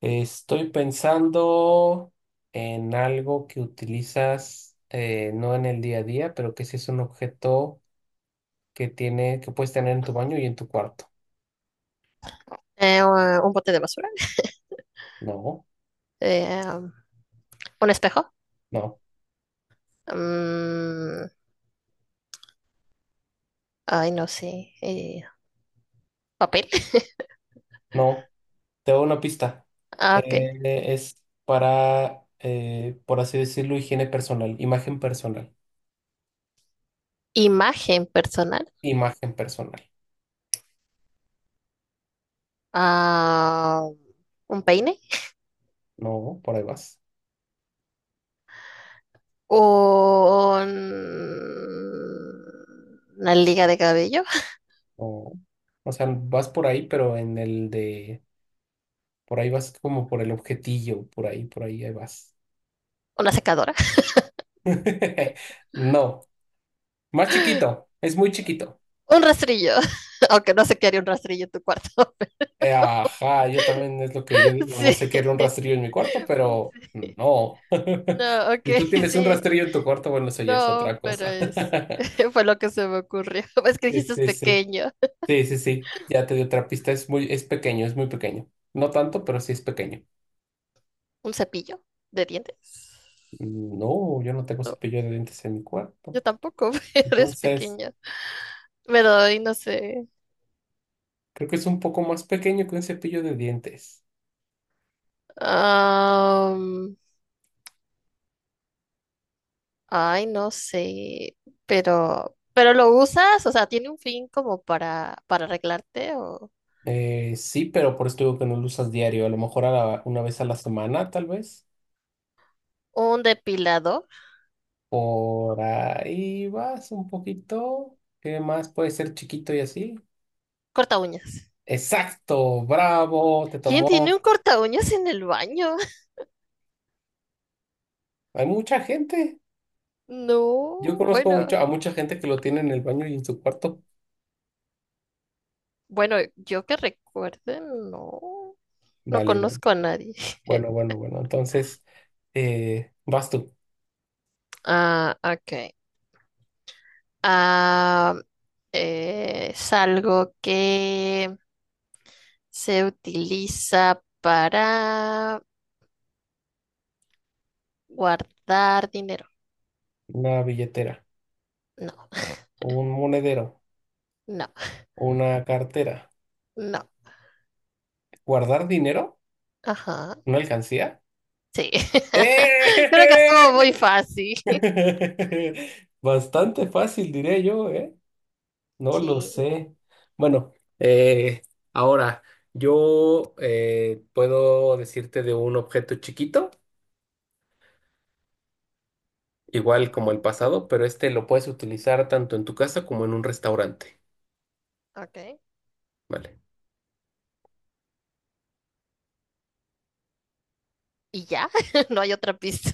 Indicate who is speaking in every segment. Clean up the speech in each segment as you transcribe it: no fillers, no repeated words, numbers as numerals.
Speaker 1: Estoy pensando en algo que utilizas no en el día a día, pero que sí es un objeto que tiene, que puedes tener en tu baño y en tu cuarto.
Speaker 2: Un bote de basura,
Speaker 1: No,
Speaker 2: eh, um, un espejo,
Speaker 1: no,
Speaker 2: mm, ay, no sé, papel,
Speaker 1: no. Te doy una pista.
Speaker 2: ah, ok,
Speaker 1: Eh, es para, por así decirlo, higiene personal, imagen personal,
Speaker 2: imagen personal,
Speaker 1: imagen personal.
Speaker 2: ah, un peine,
Speaker 1: No, por ahí vas.
Speaker 2: un- una liga de cabello,
Speaker 1: No. O sea, vas por ahí, pero en el de, por ahí vas como por el objetillo, por ahí, ahí vas.
Speaker 2: una secadora,
Speaker 1: No, más chiquito, es muy chiquito.
Speaker 2: un rastrillo, aunque no sé qué haría un rastrillo en tu cuarto.
Speaker 1: Ajá, yo también es lo que yo digo, no sé qué era un
Speaker 2: Sí,
Speaker 1: rastrillo en mi cuarto, pero
Speaker 2: sí.
Speaker 1: no.
Speaker 2: No, ok,
Speaker 1: Si tú tienes un
Speaker 2: sí,
Speaker 1: rastrillo en tu cuarto, bueno, eso ya es
Speaker 2: no,
Speaker 1: otra
Speaker 2: pero
Speaker 1: cosa.
Speaker 2: fue lo que se me ocurrió. Es que
Speaker 1: Sí,
Speaker 2: dijiste es
Speaker 1: sí, sí,
Speaker 2: pequeño.
Speaker 1: sí, sí, sí, ya te di otra pista, es muy, es pequeño, es muy pequeño. No tanto, pero sí es pequeño.
Speaker 2: ¿Un cepillo de dientes?
Speaker 1: No, yo no tengo
Speaker 2: No,
Speaker 1: cepillo de dientes en mi cuarto.
Speaker 2: yo tampoco, eres
Speaker 1: Entonces,
Speaker 2: pequeña. Pero ay, no sé.
Speaker 1: creo que es un poco más pequeño que un cepillo de dientes.
Speaker 2: Am, ay, no sé. Pero lo usas, o sea, tiene un fin como para arreglarte o
Speaker 1: Sí, pero por eso digo que no lo usas diario, a lo mejor una vez a la semana, tal vez.
Speaker 2: un depilador.
Speaker 1: Por ahí vas un poquito. ¿Qué más puede ser chiquito y así?
Speaker 2: Corta uñas.
Speaker 1: Exacto, bravo, te
Speaker 2: ¿Quién
Speaker 1: tomó.
Speaker 2: tiene un corta uñas en el baño?
Speaker 1: Hay mucha gente. Yo
Speaker 2: No,
Speaker 1: conozco
Speaker 2: bueno,
Speaker 1: mucho, a mucha gente que lo tiene en el baño y en su cuarto.
Speaker 2: bueno, yo que recuerde, no, no
Speaker 1: Vale, vale.
Speaker 2: conozco a nadie.
Speaker 1: Bueno, bueno, bueno. Entonces, vas tú.
Speaker 2: Ah, ok. Ah, es algo que se utiliza para guardar dinero.
Speaker 1: Una billetera,
Speaker 2: No,
Speaker 1: un monedero,
Speaker 2: no,
Speaker 1: una cartera.
Speaker 2: no.
Speaker 1: ¿Guardar dinero?
Speaker 2: Ajá.
Speaker 1: ¿Una alcancía?
Speaker 2: Sí. Creo que
Speaker 1: ¡Eh!
Speaker 2: estuvo muy fácil.
Speaker 1: Bastante fácil, diré yo, ¿eh? No lo
Speaker 2: Sí.
Speaker 1: sé. Bueno, eh, ahora yo puedo decirte de un objeto chiquito, igual
Speaker 2: Ajá.
Speaker 1: como el pasado, pero este lo puedes utilizar tanto en tu casa como en un restaurante,
Speaker 2: Ok.
Speaker 1: ¿vale?
Speaker 2: ¿Y ya? No hay otra pista.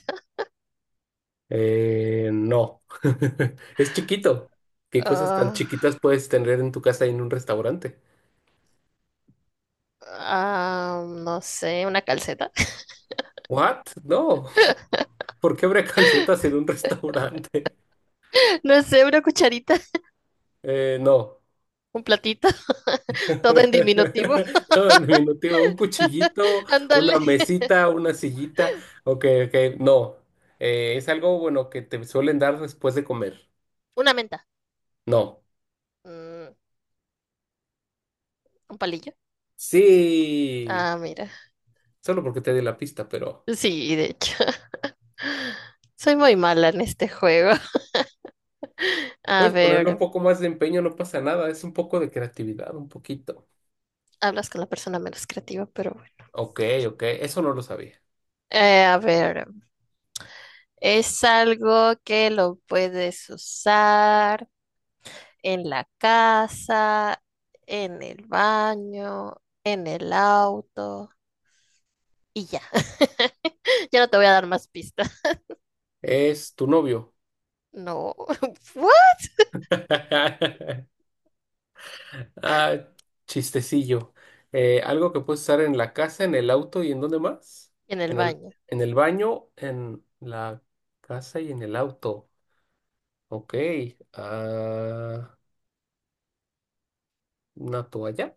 Speaker 1: No, es chiquito. ¿Qué cosas tan
Speaker 2: Ah,
Speaker 1: chiquitas puedes tener en tu casa y en un restaurante?
Speaker 2: ah, no sé, una calceta.
Speaker 1: ¿What? No, ¿por qué habría calcetas en un restaurante?
Speaker 2: No sé, una cucharita,
Speaker 1: No.
Speaker 2: un platito. Todo en diminutivo.
Speaker 1: Todo en diminutivo, un cuchillito, una
Speaker 2: Ándale.
Speaker 1: mesita, una sillita. Ok, ok, no. Es algo bueno que te suelen dar después de comer.
Speaker 2: Una menta.
Speaker 1: No.
Speaker 2: Mm, un palillo.
Speaker 1: Sí,
Speaker 2: Ah, mira.
Speaker 1: solo porque te di la pista, pero
Speaker 2: Sí, de hecho, soy muy mala en este juego. A
Speaker 1: puedes ponerle un
Speaker 2: ver,
Speaker 1: poco más de empeño, no pasa nada. Es un poco de creatividad, un poquito.
Speaker 2: hablas con la persona menos creativa, pero bueno.
Speaker 1: Ok, ok, eso no lo sabía.
Speaker 2: A ver, es algo que lo puedes usar en la casa, en el baño, en el auto y ya. Ya no te voy a dar más pistas.
Speaker 1: Es tu novio.
Speaker 2: No. ¿What?
Speaker 1: Ah, chistecillo. ¿Algo que puedes usar en la casa, en el auto y en dónde más?
Speaker 2: En el
Speaker 1: En el,
Speaker 2: baño.
Speaker 1: en el baño, en la casa y en el auto. Ok. Ah, una toalla.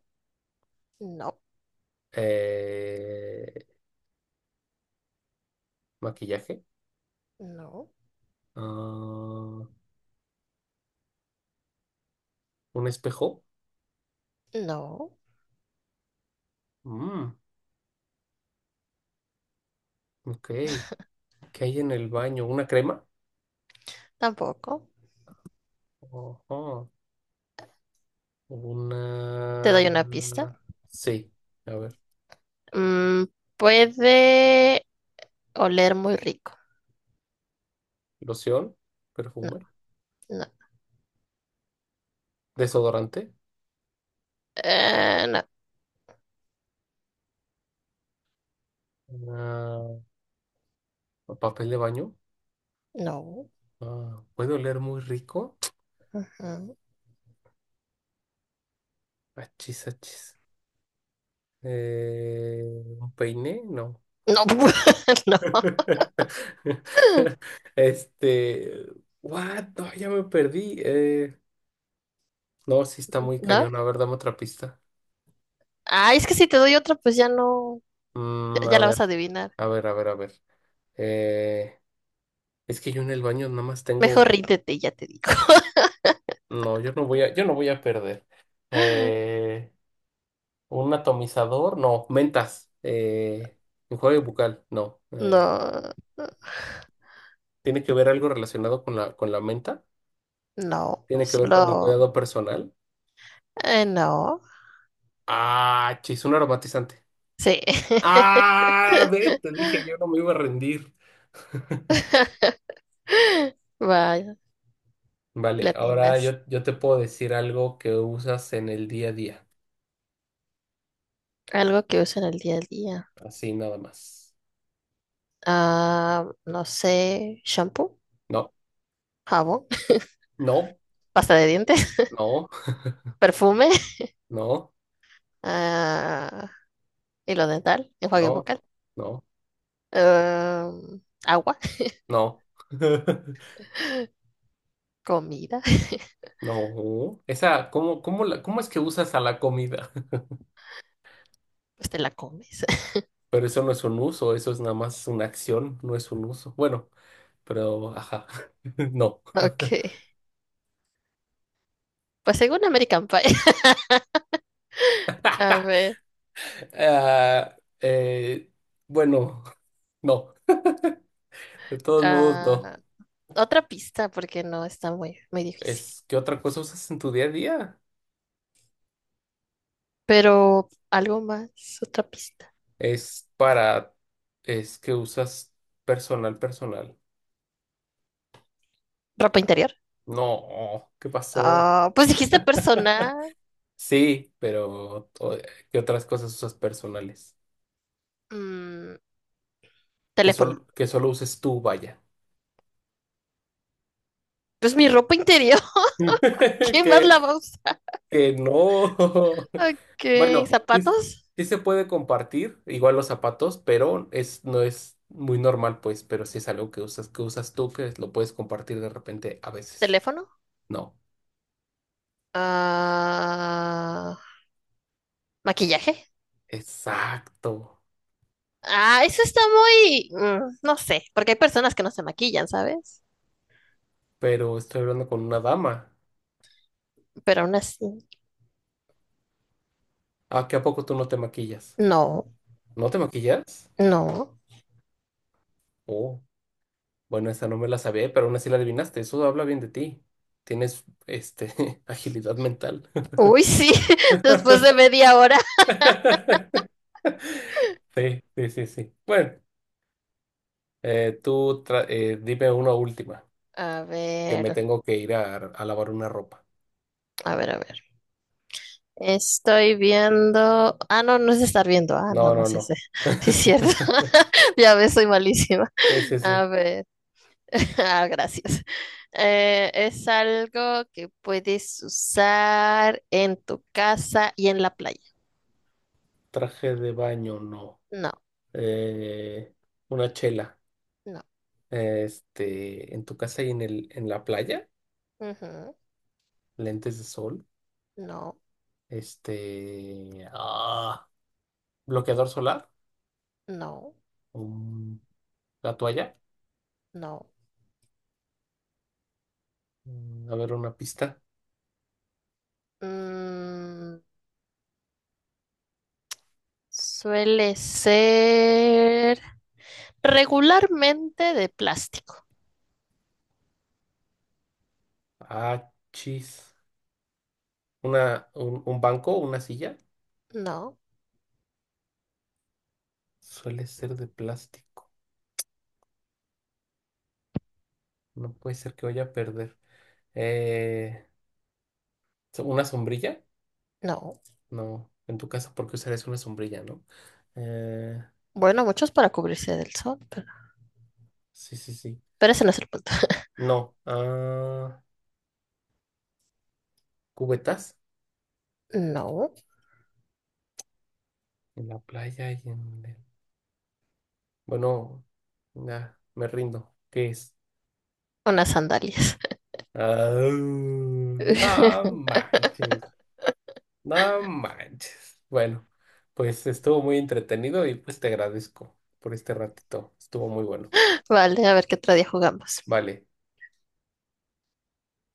Speaker 2: No,
Speaker 1: Eh, Maquillaje.
Speaker 2: no,
Speaker 1: Ah, un espejo.
Speaker 2: no,
Speaker 1: Mm, ok. ¿Qué hay en el baño? ¿Una crema?
Speaker 2: tampoco.
Speaker 1: Ojo.
Speaker 2: Te doy una
Speaker 1: Una...
Speaker 2: pista.
Speaker 1: Sí. A ver.
Speaker 2: Mm, puede oler muy rico.
Speaker 1: Loción.
Speaker 2: No,
Speaker 1: Perfume.
Speaker 2: no,
Speaker 1: Desodorante.
Speaker 2: no,
Speaker 1: Ah, papel de baño.
Speaker 2: no.
Speaker 1: Ah, ¿puede oler muy rico?
Speaker 2: Ujú.
Speaker 1: Achis, achis. Eh, ¿Un peine? No.
Speaker 2: No, no,
Speaker 1: Este. What? No, ya me perdí. No, sí está muy
Speaker 2: no.
Speaker 1: cañón. A ver, dame otra pista.
Speaker 2: Ah, es que si te doy otra, pues ya no, ya,
Speaker 1: A
Speaker 2: ya la
Speaker 1: ver,
Speaker 2: vas a adivinar.
Speaker 1: a ver, a ver, a ver. Eh, es que yo en el baño nada más tengo.
Speaker 2: Mejor ríndete, y ya te digo.
Speaker 1: No, yo no voy a perder. Eh, Un atomizador, no, mentas, enjuague bucal, no.
Speaker 2: No,
Speaker 1: ¿Tiene que ver algo relacionado con con la menta?
Speaker 2: no,
Speaker 1: ¿Tiene que ver con el
Speaker 2: solo,
Speaker 1: cuidado personal?
Speaker 2: no.
Speaker 1: Ah, chis, un aromatizante.
Speaker 2: Sí.
Speaker 1: Ah, ve, te dije, yo no me iba a rendir.
Speaker 2: Vaya,
Speaker 1: Vale, ahora
Speaker 2: latinas.
Speaker 1: yo te puedo decir algo que usas en el día a día,
Speaker 2: Algo que usan el día a día.
Speaker 1: así nada más.
Speaker 2: Ah, no sé, shampoo,
Speaker 1: No,
Speaker 2: jabón,
Speaker 1: no,
Speaker 2: pasta de dientes,
Speaker 1: no,
Speaker 2: perfume,
Speaker 1: no,
Speaker 2: ah, hilo dental, enjuague
Speaker 1: no,
Speaker 2: bucal.
Speaker 1: no,
Speaker 2: Agua,
Speaker 1: no.
Speaker 2: comida,
Speaker 1: No, esa, ¿cómo es que usas a la comida?
Speaker 2: pues te la comes.
Speaker 1: Pero eso no es un uso, eso es nada más una acción, no es un uso. Bueno, pero ajá, no.
Speaker 2: Ok, pues según American Pie. A ver,
Speaker 1: Ah, eh, bueno, no, de todos modos, no.
Speaker 2: ah, otra pista, porque no está muy, muy difícil.
Speaker 1: Es que otra cosa usas en tu día a día.
Speaker 2: Pero algo más, otra pista.
Speaker 1: Es para, es que usas personal, personal.
Speaker 2: ¿Ropa interior?
Speaker 1: No, ¿qué pasó?
Speaker 2: Ah, pues dijiste personal,
Speaker 1: Sí, ¿qué otras cosas usas personales?
Speaker 2: mm,
Speaker 1: Que,
Speaker 2: teléfono.
Speaker 1: solo uses tú, vaya.
Speaker 2: Pues mi ropa interior, ¿quién más
Speaker 1: que
Speaker 2: la va a usar?
Speaker 1: que no.
Speaker 2: Ok,
Speaker 1: Bueno, sí,
Speaker 2: zapatos,
Speaker 1: sí se puede compartir, igual los zapatos, pero es, no es muy normal, pues, pero sí es algo que usas tú, que lo puedes compartir de repente a veces.
Speaker 2: teléfono,
Speaker 1: No,
Speaker 2: ah, maquillaje.
Speaker 1: exacto.
Speaker 2: Ah, eso está muy, no sé, porque hay personas que no se maquillan, ¿sabes?
Speaker 1: Pero estoy hablando con una dama.
Speaker 2: Pero aún así,
Speaker 1: ¿A qué a poco tú no te maquillas?
Speaker 2: no,
Speaker 1: ¿No te maquillas?
Speaker 2: no.
Speaker 1: Oh, bueno, esa no me la sabía, pero aún así la adivinaste. Eso habla bien de ti. Tienes, este, agilidad mental.
Speaker 2: Uy, sí, después de media hora.
Speaker 1: Sí, sí, sí, sí. Bueno. Dime una última,
Speaker 2: A
Speaker 1: que me
Speaker 2: ver,
Speaker 1: tengo que ir a lavar una ropa.
Speaker 2: a ver, a ver. Estoy viendo. Ah, no, no es estar viendo. Ah,
Speaker 1: No,
Speaker 2: nada
Speaker 1: no,
Speaker 2: más ese.
Speaker 1: no.
Speaker 2: Sí, es cierto. Ya ves, soy malísima.
Speaker 1: Sí, sí, sí.
Speaker 2: A ver. Ah, gracias. Es algo que puedes usar en tu casa y en la playa.
Speaker 1: Traje de baño, no.
Speaker 2: No,
Speaker 1: Eh, una chela.
Speaker 2: no.
Speaker 1: Este, en tu casa y en el, en la playa,
Speaker 2: Ujú,
Speaker 1: lentes de sol.
Speaker 2: no.
Speaker 1: Este, ah, Bloqueador solar.
Speaker 2: No,
Speaker 1: Mm, la toalla.
Speaker 2: no.
Speaker 1: A ver, una pista.
Speaker 2: Mm, suele ser regularmente de plástico.
Speaker 1: Ah, chis. Un banco, una silla.
Speaker 2: No,
Speaker 1: Suele ser de plástico. No puede ser que vaya a perder. Eh, ¿Una sombrilla?
Speaker 2: no.
Speaker 1: No, en tu casa, porque usarías una sombrilla, ¿no? Eh,
Speaker 2: Bueno, muchos para cubrirse del sol, pero,
Speaker 1: sí, sí, sí.
Speaker 2: ese no es el punto.
Speaker 1: No. Ah, ¿cubetas?
Speaker 2: No,
Speaker 1: En la playa y en el... Bueno, ya, me rindo. ¿Qué es?
Speaker 2: unas sandalias.
Speaker 1: Ah, no manches, no manches. Bueno, pues estuvo muy entretenido y pues te agradezco por este ratito. Estuvo muy bueno.
Speaker 2: Vale, a ver qué otro día jugamos.
Speaker 1: Vale.